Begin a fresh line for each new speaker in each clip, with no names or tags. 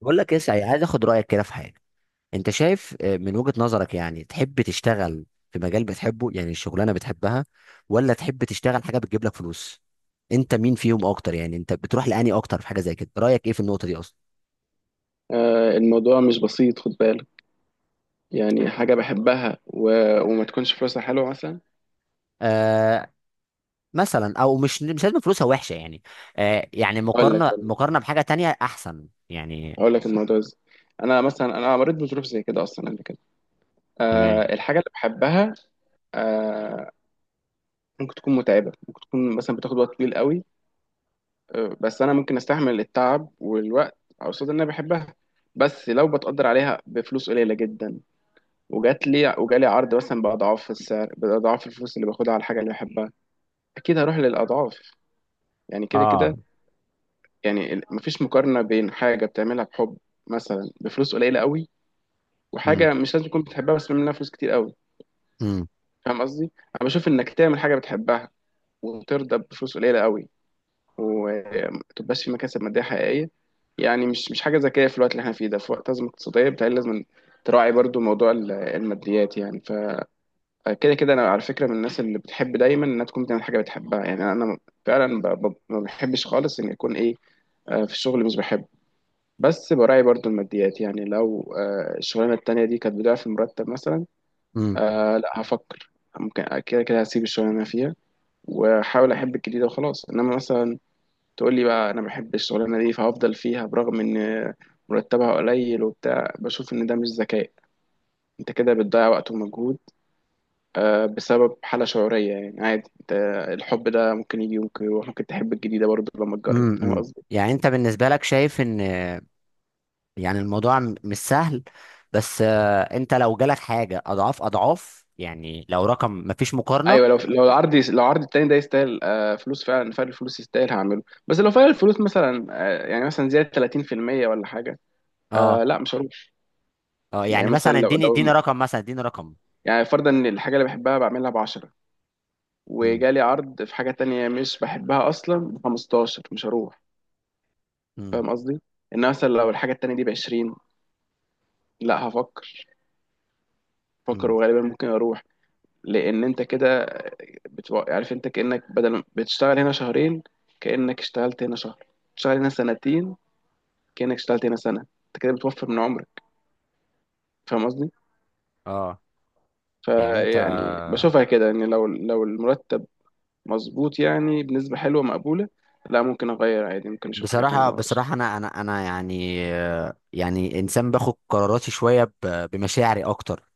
بقول لك يا سعيد، عايز اخد رايك كده في حاجه. انت شايف من وجهه نظرك يعني تحب تشتغل في مجال بتحبه، يعني الشغلانه بتحبها، ولا تحب تشتغل حاجه بتجيب لك فلوس؟ انت مين فيهم اكتر؟ يعني انت بتروح لاني اكتر في حاجه زي كده. رايك ايه في النقطه دي اصلا؟
الموضوع مش بسيط، خد بالك. يعني حاجة بحبها وما تكونش فلوسها حلوة مثلا.
آه. مثلا، او مش لازم فلوسها وحشه يعني. آه، يعني
أقول لك
مقارنه
أقول لك
مقارنه بحاجه تانية احسن يعني.
أقول لك الموضوع إزاي. أنا مثلا مريت بظروف زي كده أصلا قبل كده.
تمام.
الحاجة اللي بحبها، أه ممكن تكون متعبة، ممكن تكون مثلا بتاخد وقت طويل قوي. بس أنا ممكن أستحمل التعب والوقت قصاد إن أنا بحبها. بس لو بتقدر عليها بفلوس قليلة جدا، وجات لي وجالي عرض مثلا بأضعاف السعر، بأضعاف الفلوس اللي باخدها على الحاجة اللي بحبها، أكيد هروح للأضعاف. يعني كده
اه.
كده. يعني مفيش مقارنة بين حاجة بتعملها بحب مثلا بفلوس قليلة قوي،
امم.
وحاجة مش لازم تكون بتحبها بس بتعمل منها فلوس كتير قوي.
امم.
فاهم قصدي؟ أنا بشوف إنك تعمل حاجة بتحبها وترضى بفلوس قليلة قوي، ومتبقاش في مكاسب مادية حقيقية. يعني مش حاجة ذكية في الوقت اللي احنا فيه ده، في وقت أزمة اقتصادية بتهيألي لازم تراعي برضو موضوع الماديات. يعني فكده كده أنا على فكرة من الناس اللي بتحب دايما إنها تكون بتعمل حاجة بتحبها. يعني أنا فعلا ما بحبش خالص إن يكون إيه، في الشغل مش بحبه، بس براعي برضو الماديات. يعني لو الشغلانة التانية دي كانت بضعف المرتب مثلا،
امم.
آه لا هفكر. ممكن كده كده هسيب الشغلانة اللي أنا فيها وأحاول أحب الجديدة وخلاص. إنما مثلا تقول لي بقى أنا بحب الشغلانة دي فهفضل فيها برغم إن مرتبها قليل وبتاع، بشوف إن ده مش ذكاء. أنت كده بتضيع وقت ومجهود بسبب حالة شعورية. يعني عادي أنت، الحب ده ممكن يجي ممكن يروح، ممكن تحب الجديدة برضو لما تجرب. فاهم
امم.
قصدي؟
يعني انت بالنسبه لك شايف ان، يعني الموضوع مش سهل. بس انت لو جالك حاجه اضعاف اضعاف، يعني لو رقم مفيش مقارنه.
ايوه، لو لو العرض التاني ده يستاهل، فلوس فعلا، الفلوس يستاهل هعمله. بس لو فعلا الفلوس مثلا يعني مثلا زياده 30% ولا حاجه،
اه.
آه لا مش هروح.
اه.
يعني
يعني
مثلا
مثلا
لو
اديني
لو
اديني رقم، مثلا اديني رقم.
يعني فرضا ان الحاجه اللي بحبها بعملها ب 10،
امم.
وجالي عرض في حاجه تانية مش بحبها اصلا ب 15، مش هروح.
امم.
فاهم قصدي، ان مثلا لو الحاجه التانية دي ب 20، لا هفكر، هفكر
امم.
وغالبا ممكن اروح. لان انت كده عارف، انت كانك بدل بتشتغل هنا شهرين، كانك اشتغلت هنا شهر. تشتغل هنا سنتين، كأنك اشتغلت هنا سنة. انت كده بتوفر من عمرك. فاهم قصدي؟
اه. يعني انت،
فيعني بشوفها كده ان لو المرتب مظبوط يعني بنسبة حلوة مقبولة، لا ممكن اغير عادي، ممكن اشوف حاجة تانية
بصراحه
ورا.
بصراحه انا انا يعني يعني انسان باخد قراراتي شويه بمشاعري اكتر.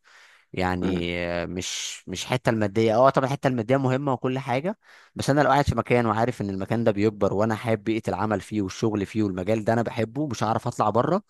امم
يعني مش الحته الماديه. اه، طبعا الحته الماديه مهمه وكل حاجه. بس انا لو قاعد في مكان وعارف ان المكان ده بيكبر، وانا حابب بيئه العمل فيه والشغل فيه، والمجال ده انا بحبه، مش هعرف اطلع بره.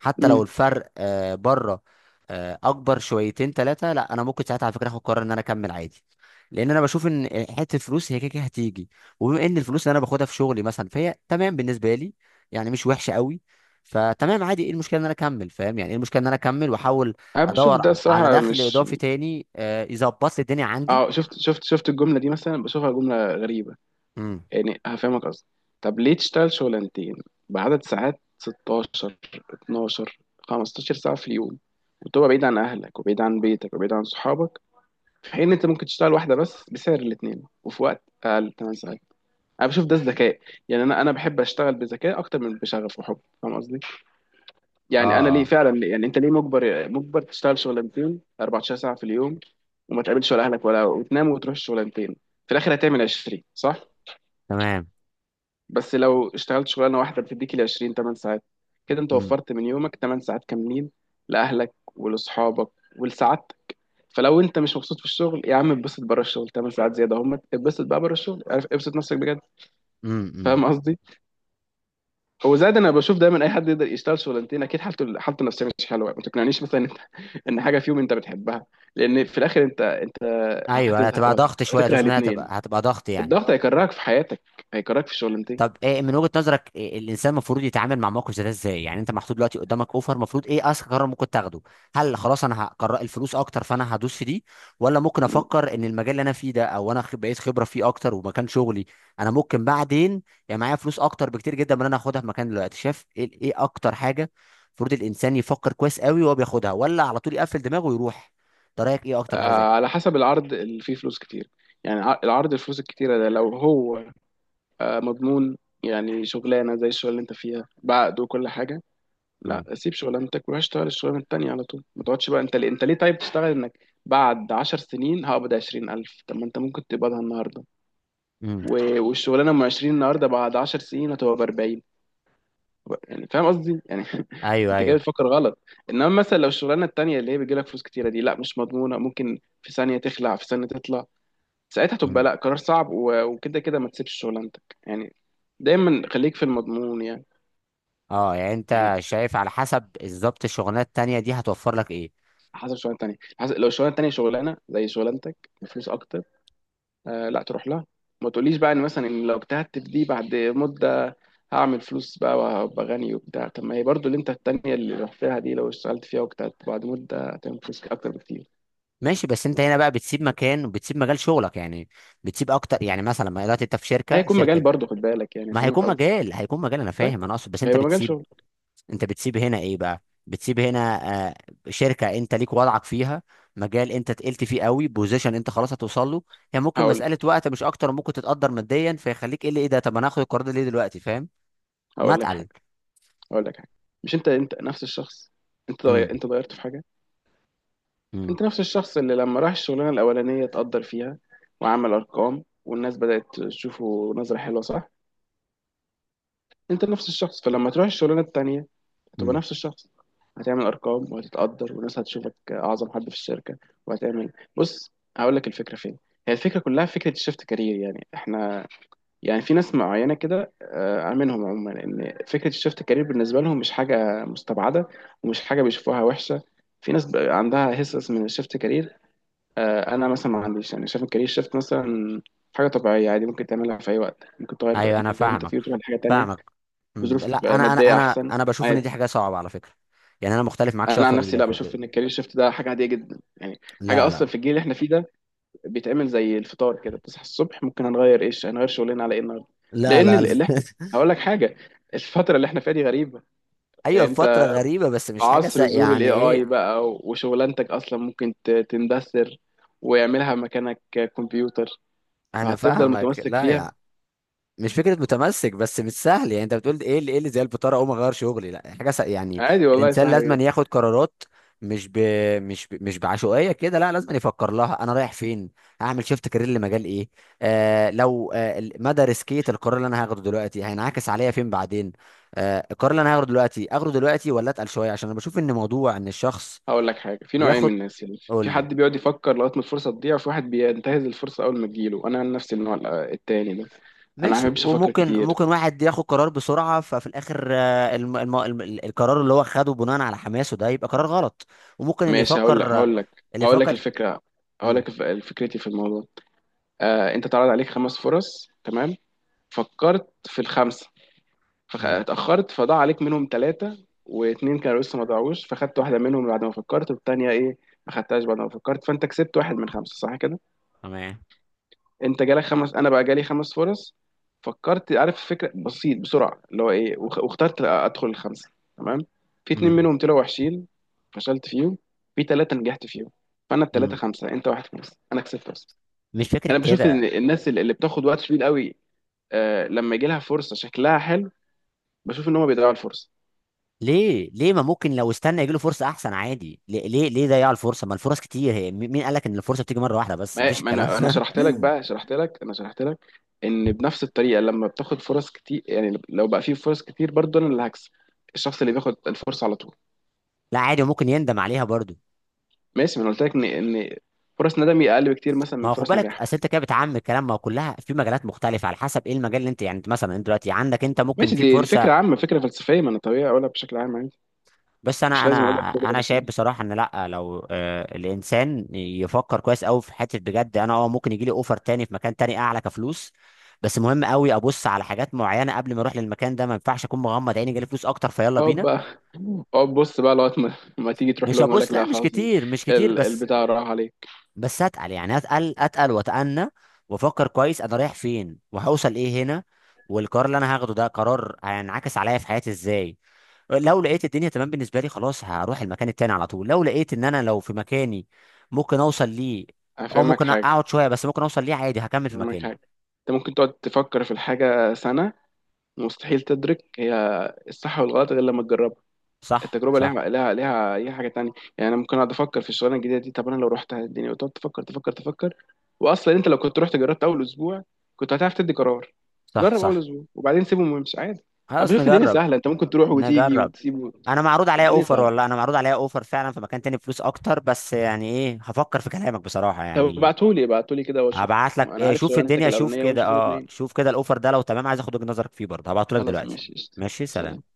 حتى لو
امم
الفرق بره اكبر شويتين ثلاثه، لا، انا ممكن ساعتها على فكره اخد قرار ان انا اكمل عادي. لان انا بشوف ان حته فلوس هي كده كده هتيجي، وبما ان الفلوس اللي انا باخدها في شغلي مثلا فهي تمام بالنسبه لي، يعني مش وحشه قوي، فتمام عادي. ايه المشكله ان انا اكمل؟ فاهم يعني؟ ايه المشكله ان انا اكمل واحول
انا بشوف
ادور
ده
على
الصراحة،
دخل
مش
اضافي تاني يظبط لي الدنيا عندي؟
اه شفت الجملة دي مثلا، بشوفها جملة غريبة.
امم.
يعني هفهمك قصدي. طب ليه تشتغل شغلانتين بعدد ساعات 16، 12، 15 ساعة في اليوم، وتبقى بعيد عن اهلك وبعيد عن بيتك وبعيد عن صحابك، في حين إن انت ممكن تشتغل واحده بس بسعر الاثنين وفي وقت اقل، 8 ساعات. انا بشوف ده الذكاء. يعني انا بحب اشتغل بذكاء اكتر من بشغف وحب. فاهم قصدي.
اه.
يعني انا ليه؟
اه.
فعلا ليه؟ يعني انت ليه مجبر تشتغل شغلانتين 14 ساعه في اليوم، وما تقابلش ولا اهلك ولا، وتنام وتروح الشغلانتين، في الاخر هتعمل 20، صح؟
تمام.
بس لو اشتغلت شغلانه واحده بتديك ال 20 8 ساعات، كده انت
امم.
وفرت من يومك 8 ساعات كاملين، لاهلك ولاصحابك ولسعادتك. فلو انت مش مبسوط في الشغل يا عم اتبسط بره الشغل، 8 ساعات زياده اهمت، اتبسط بقى بره الشغل، عارف ابسط نفسك بجد.
امم.
فاهم قصدي. هو زاد. انا بشوف دايما اي حد يقدر يشتغل شغلانتين اكيد حالته النفسيه مش حلوه. ما تقنعنيش مثلا، ان حاجه فيهم انت بتحبها، لان في الاخر انت
ايوه،
هتزهق
هتبقى ضغط شويه
وهتكره
توس، انها هتبقى
الاثنين.
هتبقى ضغط يعني.
الضغط هيكرهك في حياتك، هيكرهك في الشغلانتين.
طب ايه من وجهة نظرك؟ إيه الانسان المفروض يتعامل مع موقف زي ده ازاي؟ يعني انت محطوط دلوقتي قدامك اوفر، المفروض ايه اذكى قرار ممكن تاخده؟ هل خلاص انا هقرر الفلوس اكتر فانا هدوس في دي، ولا ممكن
مم.
افكر ان المجال اللي انا فيه ده، او انا بقيت خبرة فيه اكتر، ومكان شغلي انا ممكن بعدين، يعني معايا فلوس اكتر بكتير جدا من اللي انا هاخدها في مكان دلوقتي. شايف ايه؟ إيه اكتر حاجة المفروض الانسان يفكر كويس قوي وهو بياخدها، ولا على طول يقفل دماغه ويروح؟ ده رايك ايه اكتر حاجة زي كده؟
على حسب العرض اللي فيه فلوس كتير. يعني العرض الفلوس الكتيره ده لو هو مضمون، يعني شغلانه زي الشغل اللي انت فيها بعقد وكل حاجه، لا سيب شغلانتك وروح اشتغل الشغلانه التانيه على طول. ما تقعدش بقى، انت ليه طيب تشتغل انك بعد 10 سنين هقبض 20,000؟ طب ما انت ممكن تقبضها النهارده.
امم.
والشغلانه ام عشرين النهارده بعد 10 سنين هتبقى بـ40. يعني فاهم قصدي يعني.
ايوه.
انت كده
ايوه.
بتفكر غلط. انما مثلا لو الشغلانه التانيه اللي هي بيجيلك فلوس كتيره دي، لا مش مضمونه، ممكن في ثانيه تخلع في ثانيه تطلع، ساعتها تبقى لا، قرار صعب وكده كده ما تسيبش شغلانتك يعني. دايما خليك في المضمون.
اه. يعني
يعني
انت شايف على حسب بالظبط الشغلانه التانيه دي هتوفر لك ايه.
حسب شغلانه تانية، حسب لو الشغلانه التانية شغلانه زي شغلانتك بفلوس اكتر، آه لا تروح لها. ما تقوليش بقى ان مثلا إن لو اجتهدت في دي بعد مده هعمل فلوس بقى وهبقى غني وبتاع، طب ما هي برضو اللي انت التانية اللي رحتها دي لو اشتغلت فيها واجتهدت بعد مده هتعمل فلوس اكتر بكتير.
ماشي. بس انت هنا بقى بتسيب مكان وبتسيب مجال شغلك يعني، بتسيب اكتر. يعني مثلا ما دلوقتي انت في
لا
شركه
هيكون مجال برضو، خد بالك يعني.
ما
فاهمك
هيكون
قصدي.
مجال، هيكون مجال. انا
طيب،
فاهم، انا اقصد بس انت
هيبقى مجال
بتسيب.
شغل.
انت بتسيب هنا ايه بقى؟ بتسيب هنا آه شركه انت ليك وضعك فيها، مجال انت تقلت فيه قوي، بوزيشن انت خلاص هتوصل له. هي ممكن
هقول
مساله
لك
وقت مش اكتر، ممكن تتقدر ماديا، فيخليك ايه اللي ايه ده. طب انا هاخد القرار ده ليه دلوقتي؟ فاهم؟ ما
هقول لك
اتقل.
حاجه، هقول لك حاجه، مش انت نفس الشخص.
امم.
انت اتغيرت في حاجه؟
امم.
انت نفس الشخص اللي لما راح الشغلانه الاولانيه اتقدر فيها، وعمل ارقام والناس بدات تشوفه نظره حلوه، صح؟ انت نفس الشخص، فلما تروح الشغلانه التانيه هتبقى
امم.
نفس الشخص. هتعمل ارقام وهتتقدر والناس هتشوفك اعظم حد في الشركه، وهتعمل. بص هقول لك الفكره فين. هي الفكره كلها فكره الشفت كارير. يعني احنا، يعني في ناس معينه كده منهم عموما ان فكره الشفت كارير بالنسبه لهم مش حاجه مستبعده، ومش حاجه بيشوفوها وحشه. في ناس بقى عندها هسس من الشفت كارير. انا مثلا ما عنديش، يعني شايف الكارير شيفت مثلا حاجه طبيعيه عادي، ممكن تعملها في اي وقت، ممكن تغير
ايوه انا
اللي انت
فاهمك
فيه وتروح لحاجه تانية
فاهمك. مم،
بظروف
لا، انا انا
ماديه
انا
احسن،
انا بشوف ان
عادي.
دي حاجه صعبه على فكره. يعني انا مختلف معاك شويه
انا عن نفسي لا، بشوف ان الكارير شيفت ده حاجه عاديه جدا يعني. حاجه
لا لا
اصلا في الجيل اللي احنا فيه ده بيتعمل زي الفطار كده، بتصحى الصبح ممكن هنغير ايش، هنغير شغلنا على ايه النهارده.
لا.
لان
لا لا
اللي احنا، هقول لك حاجه. الفتره اللي احنا فيها دي غريبه. يعني
ايوه
انت
فتره غريبه، بس
في
مش حاجه
عصر ظهور الاي
يعني
اي
ايه.
بقى، وشغلانتك اصلا ممكن تندثر، ويعملها مكانك كمبيوتر،
انا
فهتفضل
فاهمك،
متمسك
لا
فيها.
يعني مش فكره متمسك، بس مش سهل يعني. انت بتقول ايه اللي زي البطاره اقوم اغير شغلي؟ لا، حاجه يعني
عادي والله،
الانسان
سهلة
لازم
جدا.
ياخد قرارات، مش ب... مش بعشوائيه كده. لا لازم يفكر لها، انا رايح فين، هعمل شيفت كارير لمجال ايه، لو مدى ريسكيه القرار اللي انا هاخده دلوقتي هينعكس عليا فين بعدين، القرار اللي انا هاخده دلوقتي اخده دلوقتي ولا اتقل شويه، عشان انا بشوف ان موضوع ان الشخص
هقول لك حاجة، في نوعين
ياخد.
من الناس. يعني
قول
في
لي.
حد بيقعد يفكر لغاية ما الفرصة تضيع، وفي واحد بينتهز الفرصة أول ما تجيله. أنا عن نفسي النوع التاني ده. أنا ما
ماشي،
بحبش أفكر
وممكن
كتير.
واحد ياخد قرار بسرعة، ففي الآخر القرار اللي هو خده بناء على حماسه ده يبقى قرار غلط. وممكن اللي
ماشي، هقول لك
يفكر،
هقول لك
اللي
هقول لك
يفكر.
الفكرة. هقول
امم.
لك فكرتي في الموضوع. أنت اتعرض عليك خمس فرص، تمام؟ فكرت في الخمسة،
امم.
فاتأخرت، فضاع عليك منهم ثلاثة، واتنين كانوا لسه ما ضاعوش، فخدت واحدة منهم بعد ما فكرت، والتانية إيه، ما خدتهاش بعد ما فكرت، فأنت كسبت واحد من خمسة، صح كده؟
تمام.
انت جالك خمس، انا بقى جالي خمس فرص، فكرت عارف فكره بسيط بسرعه اللي هو ايه، واخترت ادخل الخمسه. تمام، في اتنين
امم.
منهم طلعوا وحشين فشلت فيهم، في ثلاثه نجحت فيهم، فانا الثلاثه
امم.
خمسه، انت واحد خمسه، انا كسبت اصلا.
مش فكرة
انا بشوف
كده.
ان الناس اللي بتاخد وقت طويل قوي لما يجي لها فرصه شكلها حلو، بشوف ان هم بيضيعوا الفرصه.
ليه ليه؟ ما ممكن لو استنى يجيله فرصة أحسن عادي. ليه ليه ليه ضيع الفرصة؟ ما الفرص كتير. هي مين قال لك إن الفرصة بتيجي مرة واحدة بس؟
ما
مفيش
ما
الكلام
انا
ده.
شرحت لك بقى، شرحت لك، انا شرحت لك، ان بنفس الطريقه لما بتاخد فرص كتير، يعني لو بقى في فرص كتير برضه انا اللي هكسب، الشخص اللي بياخد الفرصه على طول.
لا عادي، وممكن يندم عليها برضو.
ماشي، ما انا قلت لك ان ان فرص ندمي اقل بكتير مثلا
ما
من
هو خد
فرص
بالك،
نجاح.
اصل انت كده بتعمم الكلام. ما هو كلها في مجالات مختلفه، على حسب ايه المجال اللي انت، يعني انت مثلا انت دلوقتي عندك، انت ممكن
ماشي،
في
دي
فرصه.
فكره عامه، فكره فلسفيه، ما انا طبيعي اقولها بشكل عام عادي.
بس
مش
انا انا
لازم اقول لك كل
انا شايف
التفاصيل.
بصراحه ان، لا لو الانسان يفكر كويس قوي في حته بجد، انا اه ممكن يجي لي اوفر تاني في مكان تاني اعلى كفلوس، بس مهم قوي ابص على حاجات معينه قبل ما اروح للمكان ده. ما ينفعش اكون مغمض عيني جالي فلوس اكتر فيلا
اقعد
بينا.
بقى، اقعد بص بقى لغايه ما تيجي تروح
مش
لهم يقول لك
هبص؟ لا
لا
مش
خلاص.
كتير، مش كتير، بس،
البتاع راح عليك.
بس اتقل يعني اتقل اتقل واتأنى، وافكر كويس انا رايح فين، وهوصل ايه هنا، والقرار اللي انا هاخده ده قرار هينعكس عليا في حياتي ازاي. لو لقيت الدنيا تمام بالنسبه لي خلاص هروح المكان التاني على طول. لو لقيت ان انا لو في مكاني ممكن اوصل ليه، او
هفهمك
ممكن
حاجه
اقعد شويه بس ممكن اوصل ليه، عادي هكمل في
هفهمك
مكاني.
حاجه انت ممكن تقعد تفكر في الحاجه سنه، مستحيل تدرك هي الصح والغلط غير لما تجربها.
صح.
التجربه
صح.
ليها اي حاجه تانية. يعني انا ممكن اقعد افكر في الشغلانه الجديده دي، طب انا لو رحت الدنيا، وتقعد تفكر، واصلا انت لو كنت رحت جربت اول اسبوع كنت هتعرف تدي قرار.
صح.
جرب اول
صح.
اسبوع وبعدين سيبهم وامشي عادي. انا
خلاص
بشوف الدنيا
نجرب.
سهله، انت ممكن تروح وتيجي
نجرب.
وتسيبه.
انا معروض عليا
الدنيا
اوفر،
سهله.
والله انا معروض عليا اوفر فعلا في مكان تاني، فلوس اكتر. بس يعني ايه، هفكر في كلامك بصراحه
طب
يعني.
ابعتهولي كده واشوف.
هبعت لك
انا
إيه،
عارف
شوف
شغلانتك
الدنيا، شوف
الاولانيه
كده،
ونشوف
اه،
الاثنين.
شوف كده الاوفر ده لو تمام عايز اخد وجهة نظرك فيه برضه. هبعته لك
خلاص
دلوقتي.
ماشي قشطة.
ماشي
سلام.
سلام.